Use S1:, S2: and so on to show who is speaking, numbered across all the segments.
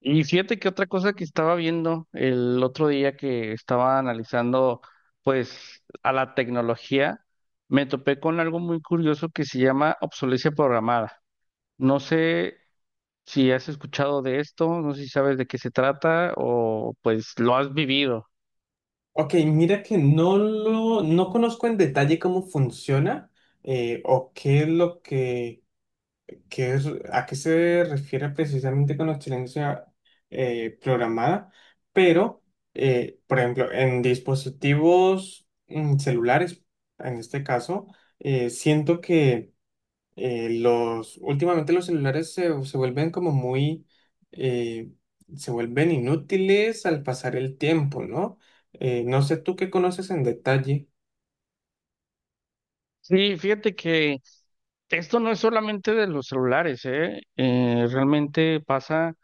S1: Y fíjate que otra cosa que estaba viendo el otro día que estaba analizando pues a la tecnología, me topé con algo muy curioso que se llama obsolescencia programada. No sé si has escuchado de esto, no sé si sabes de qué se trata o pues lo has vivido.
S2: Ok, mira que no conozco en detalle cómo funciona, o qué es lo que, qué es- a qué se refiere precisamente con obsolescencia programada, pero, por ejemplo, en dispositivos celulares, en este caso, siento que los, últimamente los celulares se vuelven como muy, eh, se vuelven inútiles al pasar el tiempo, ¿no? No sé tú qué conoces en detalle.
S1: Sí, fíjate que esto no es solamente de los celulares, ¿eh? Realmente pasa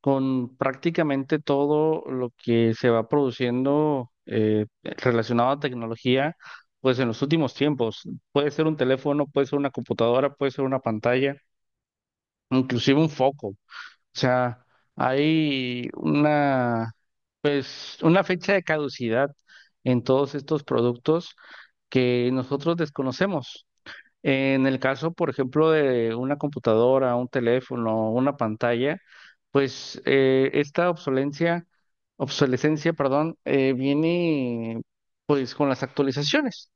S1: con prácticamente todo lo que se va produciendo relacionado a tecnología, pues en los últimos tiempos. Puede ser un teléfono, puede ser una computadora, puede ser una pantalla, inclusive un foco. O sea, hay una fecha de caducidad en todos estos productos que nosotros desconocemos. En el caso, por ejemplo, de una computadora, un teléfono, una pantalla, pues esta obsolescencia, perdón, viene pues con las actualizaciones.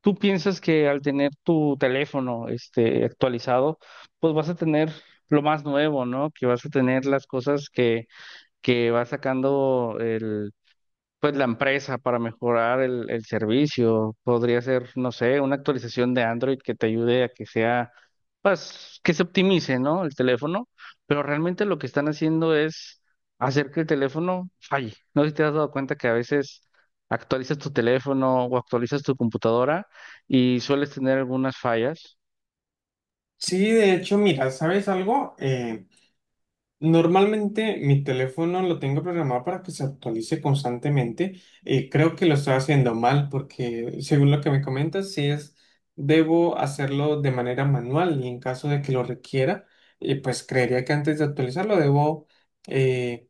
S1: Tú piensas que al tener tu teléfono este, actualizado, pues vas a tener lo más nuevo, ¿no? Que vas a tener las cosas que va sacando pues la empresa para mejorar el servicio. Podría ser, no sé, una actualización de Android que te ayude a que sea, pues, que se optimice, ¿no? El teléfono, pero realmente lo que están haciendo es hacer que el teléfono falle. No sé si te has dado cuenta que a veces actualizas tu teléfono o actualizas tu computadora y sueles tener algunas fallas.
S2: Sí, de hecho, mira, ¿sabes algo? Normalmente mi teléfono lo tengo programado para que se actualice constantemente. Y creo que lo estoy haciendo mal porque según lo que me comentas, si es, debo hacerlo de manera manual y en caso de que lo requiera, pues creería que antes de actualizarlo debo eh,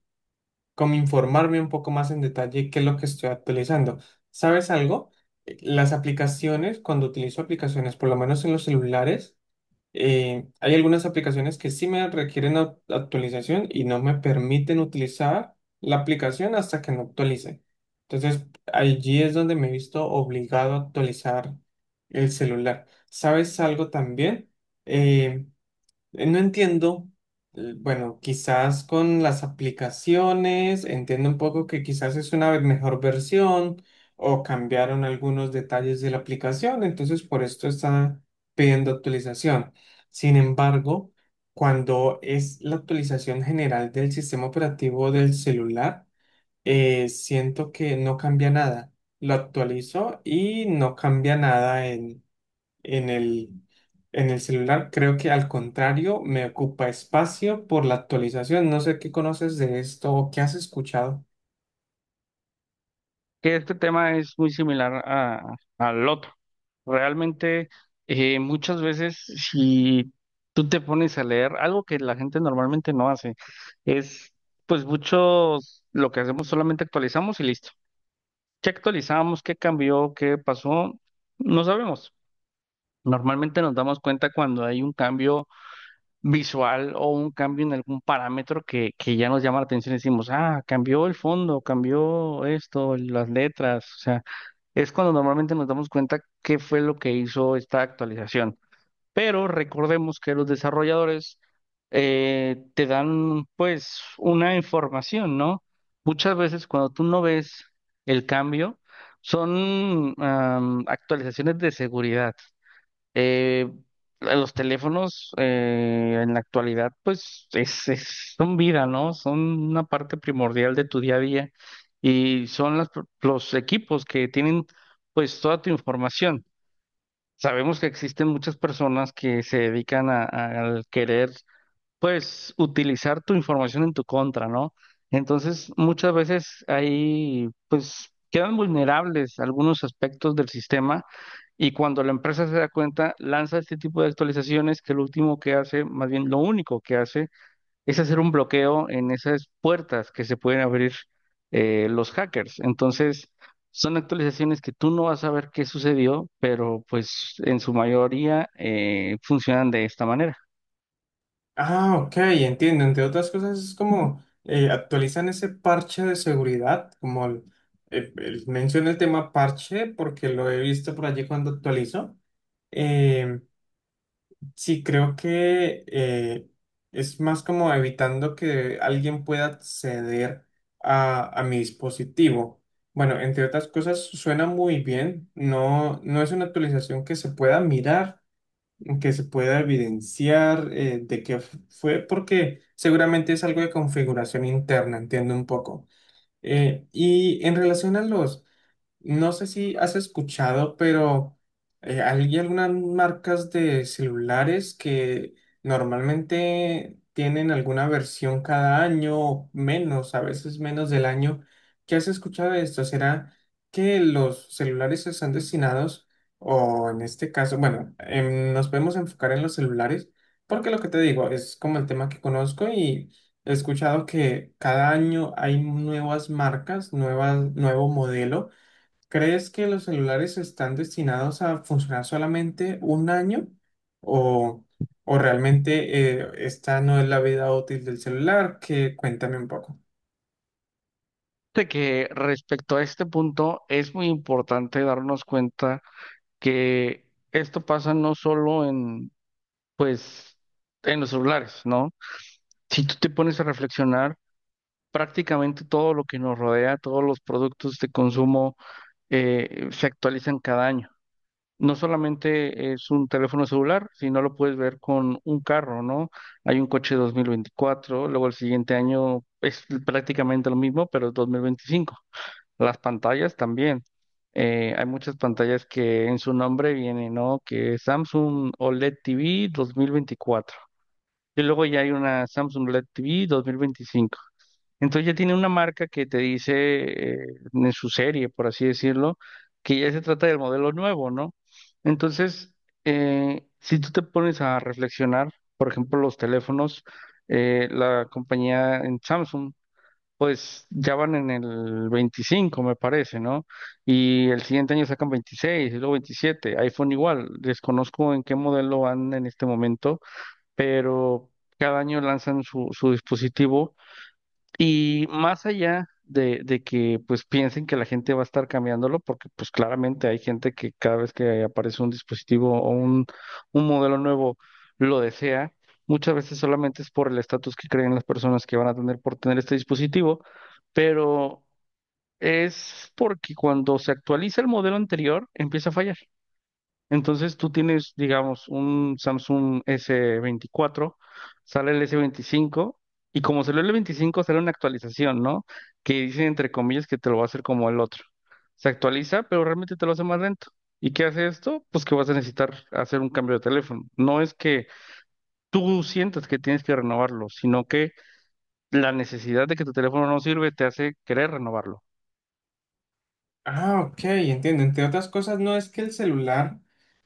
S2: como informarme un poco más en detalle qué es lo que estoy actualizando. ¿Sabes algo? Las aplicaciones, cuando utilizo aplicaciones, por lo menos en los celulares, hay algunas aplicaciones que sí me requieren actualización y no me permiten utilizar la aplicación hasta que no actualice. Entonces, allí es donde me he visto obligado a actualizar el celular. ¿Sabes algo también? Eh, No entiendo, bueno, quizás con las aplicaciones, entiendo un poco que quizás es una mejor versión o cambiaron algunos detalles de la aplicación, entonces por esto está pidiendo actualización. Sin embargo, cuando es la actualización general del sistema operativo del celular, siento que no cambia nada. Lo actualizo y no cambia nada en el, en el celular, creo que al contrario me ocupa espacio por la actualización. No sé qué conoces de esto o qué has escuchado.
S1: Que este tema es muy similar al otro. Realmente, muchas veces, si tú te pones a leer, algo que la gente normalmente no hace, es, pues muchos, lo que hacemos solamente actualizamos y listo. ¿Qué actualizamos? ¿Qué cambió? ¿Qué pasó? No sabemos. Normalmente nos damos cuenta cuando hay un cambio visual o un cambio en algún parámetro que ya nos llama la atención y decimos, ah, cambió el fondo, cambió esto, las letras, o sea es cuando normalmente nos damos cuenta qué fue lo que hizo esta actualización. Pero recordemos que los desarrolladores te dan pues una información, ¿no? Muchas veces cuando tú no ves el cambio, son actualizaciones de seguridad. Eh, los teléfonos en la actualidad, pues son vida, ¿no? Son una parte primordial de tu día a día y son los equipos que tienen pues toda tu información. Sabemos que existen muchas personas que se dedican al querer pues utilizar tu información en tu contra, ¿no? Entonces, muchas veces ahí, pues, quedan vulnerables algunos aspectos del sistema y cuando la empresa se da cuenta, lanza este tipo de actualizaciones que lo último que hace, más bien lo único que hace, es hacer un bloqueo en esas puertas que se pueden abrir los hackers. Entonces, son actualizaciones que tú no vas a ver qué sucedió, pero pues en su mayoría funcionan de esta manera.
S2: Ah, ok, entiendo. Entre otras cosas es como actualizan ese parche de seguridad, como menciono el tema parche porque lo he visto por allí cuando actualizo. Em, Sí, creo que es más como evitando que alguien pueda acceder a mi dispositivo. Bueno, entre otras cosas, suena muy bien. No, no es una actualización que se pueda mirar, que se pueda evidenciar de qué fue, porque seguramente es algo de configuración interna, entiendo un poco. Y en relación a los no sé si has escuchado, pero hay algunas marcas de celulares que normalmente tienen alguna versión cada año, menos, a veces menos del año. ¿Qué has escuchado de esto? ¿Será que los celulares están destinados, o en este caso, bueno, nos podemos enfocar en los celulares, porque lo que te digo es como el tema que conozco y he escuchado que cada año hay nuevas marcas, nuevas, nuevo modelo? ¿Crees que los celulares están destinados a funcionar solamente un año o, o realmente esta no es la vida útil del celular? Que cuéntame un poco.
S1: Fíjate que respecto a este punto es muy importante darnos cuenta que esto pasa no solo en, pues, en los celulares, ¿no? Si tú te pones a reflexionar, prácticamente todo lo que nos rodea, todos los productos de consumo se actualizan cada año. No solamente es un teléfono celular, sino lo puedes ver con un carro, ¿no? Hay un coche 2024, luego el siguiente año es prácticamente lo mismo, pero es 2025. Las pantallas también. Hay muchas pantallas que en su nombre viene, ¿no? Que Samsung OLED TV 2024. Y luego ya hay una Samsung LED TV 2025. Entonces ya tiene una marca que te dice eh, en su serie, por así decirlo, que ya se trata del modelo nuevo, ¿no? Entonces, si tú te pones a reflexionar, por ejemplo, los teléfonos, la compañía en Samsung pues ya van en el 25, me parece, ¿no? Y el siguiente año sacan 26, y luego 27. iPhone igual, desconozco en qué modelo van en este momento, pero cada año lanzan su dispositivo y más allá de que pues piensen que la gente va a estar cambiándolo, porque pues claramente hay gente que cada vez que aparece un dispositivo un modelo nuevo lo desea, muchas veces solamente es por el estatus que creen las personas que van a tener por tener este dispositivo, pero es porque cuando se actualiza el modelo anterior empieza a fallar. Entonces tú tienes, digamos, un Samsung S24, sale el S25 y como salió el 25 sale una actualización, ¿no? Que dicen entre comillas que te lo va a hacer como el otro. Se actualiza, pero realmente te lo hace más lento. ¿Y qué hace esto? Pues que vas a necesitar hacer un cambio de teléfono. No es que tú sientas que tienes que renovarlo, sino que la necesidad de que tu teléfono no sirve te hace querer renovarlo.
S2: Ah, ok, entiendo. Entre otras cosas, no es que el celular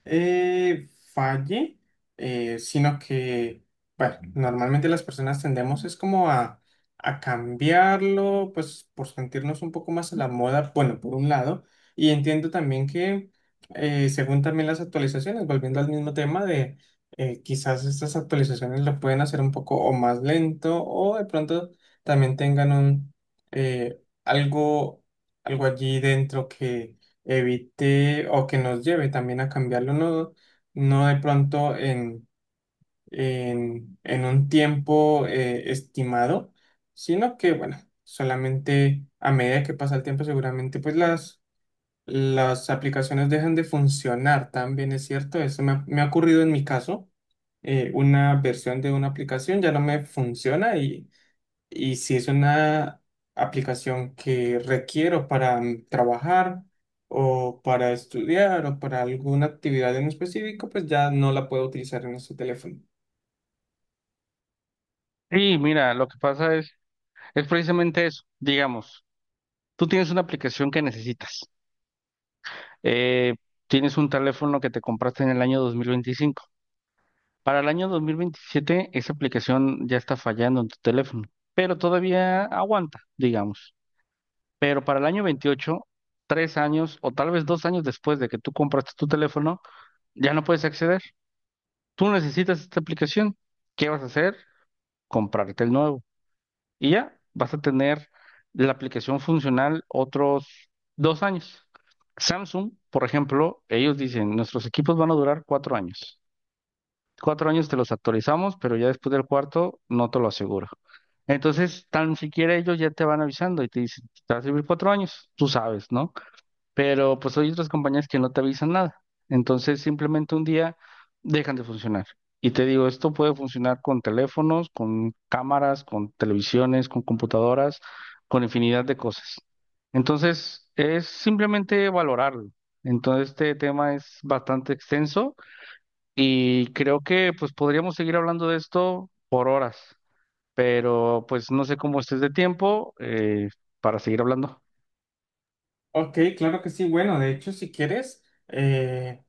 S2: eh, falle, sino que, bueno, normalmente las personas tendemos es como a cambiarlo, pues por sentirnos un poco más a la moda, bueno, por un lado, y entiendo también que, según también las actualizaciones, volviendo al mismo tema de, quizás estas actualizaciones lo pueden hacer un poco o más lento o de pronto también tengan un... eh, algo algo allí dentro que evite o que nos lleve también a cambiarlo, no, no de pronto en, en un tiempo estimado, sino que, bueno, solamente a medida que pasa el tiempo, seguramente pues las aplicaciones dejan de funcionar, también es cierto, eso me ha ocurrido en mi caso. Una versión de una aplicación ya no me funciona y si es una aplicación que requiero para trabajar o para estudiar o para alguna actividad en específico, pues ya no la puedo utilizar en este teléfono.
S1: Y mira, lo que pasa es precisamente eso. Digamos, tú tienes una aplicación que necesitas. eh, Tienes un teléfono que te compraste en el año 2025. Para el año 2027, esa aplicación ya está fallando en tu teléfono, pero todavía aguanta, digamos. Pero para el año 28, 3 años o tal vez 2 años después de que tú compraste tu teléfono, ya no puedes acceder. Tú necesitas esta aplicación. ¿Qué vas a hacer? Comprarte el nuevo. Y ya vas a tener la aplicación funcional otros 2 años. Samsung, por ejemplo, ellos dicen, nuestros equipos van a durar 4 años. 4 años te los actualizamos, pero ya después del cuarto no te lo aseguro. Entonces, tan siquiera ellos ya te van avisando y te dicen, te va a servir 4 años, tú sabes, ¿no? Pero pues hay otras compañías que no te avisan nada. Entonces simplemente un día dejan de funcionar. Y te digo, esto puede funcionar con teléfonos, con cámaras, con televisiones, con computadoras, con infinidad de cosas. Entonces es simplemente valorarlo. Entonces este tema es bastante extenso y creo que pues podríamos seguir hablando de esto por horas, pero pues no sé cómo estés de tiempo para seguir hablando.
S2: Ok, claro que sí. Bueno, de hecho, si quieres, eh,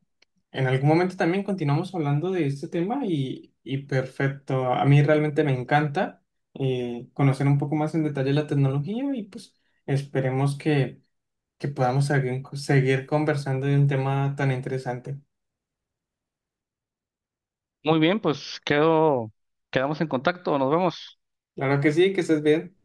S2: en algún momento también continuamos hablando de este tema y perfecto. A mí realmente me encanta conocer un poco más en detalle la tecnología y pues esperemos que podamos seguir conversando de un tema tan interesante.
S1: Muy bien, pues quedo, quedamos en contacto, nos vemos.
S2: Claro que sí, que estés bien.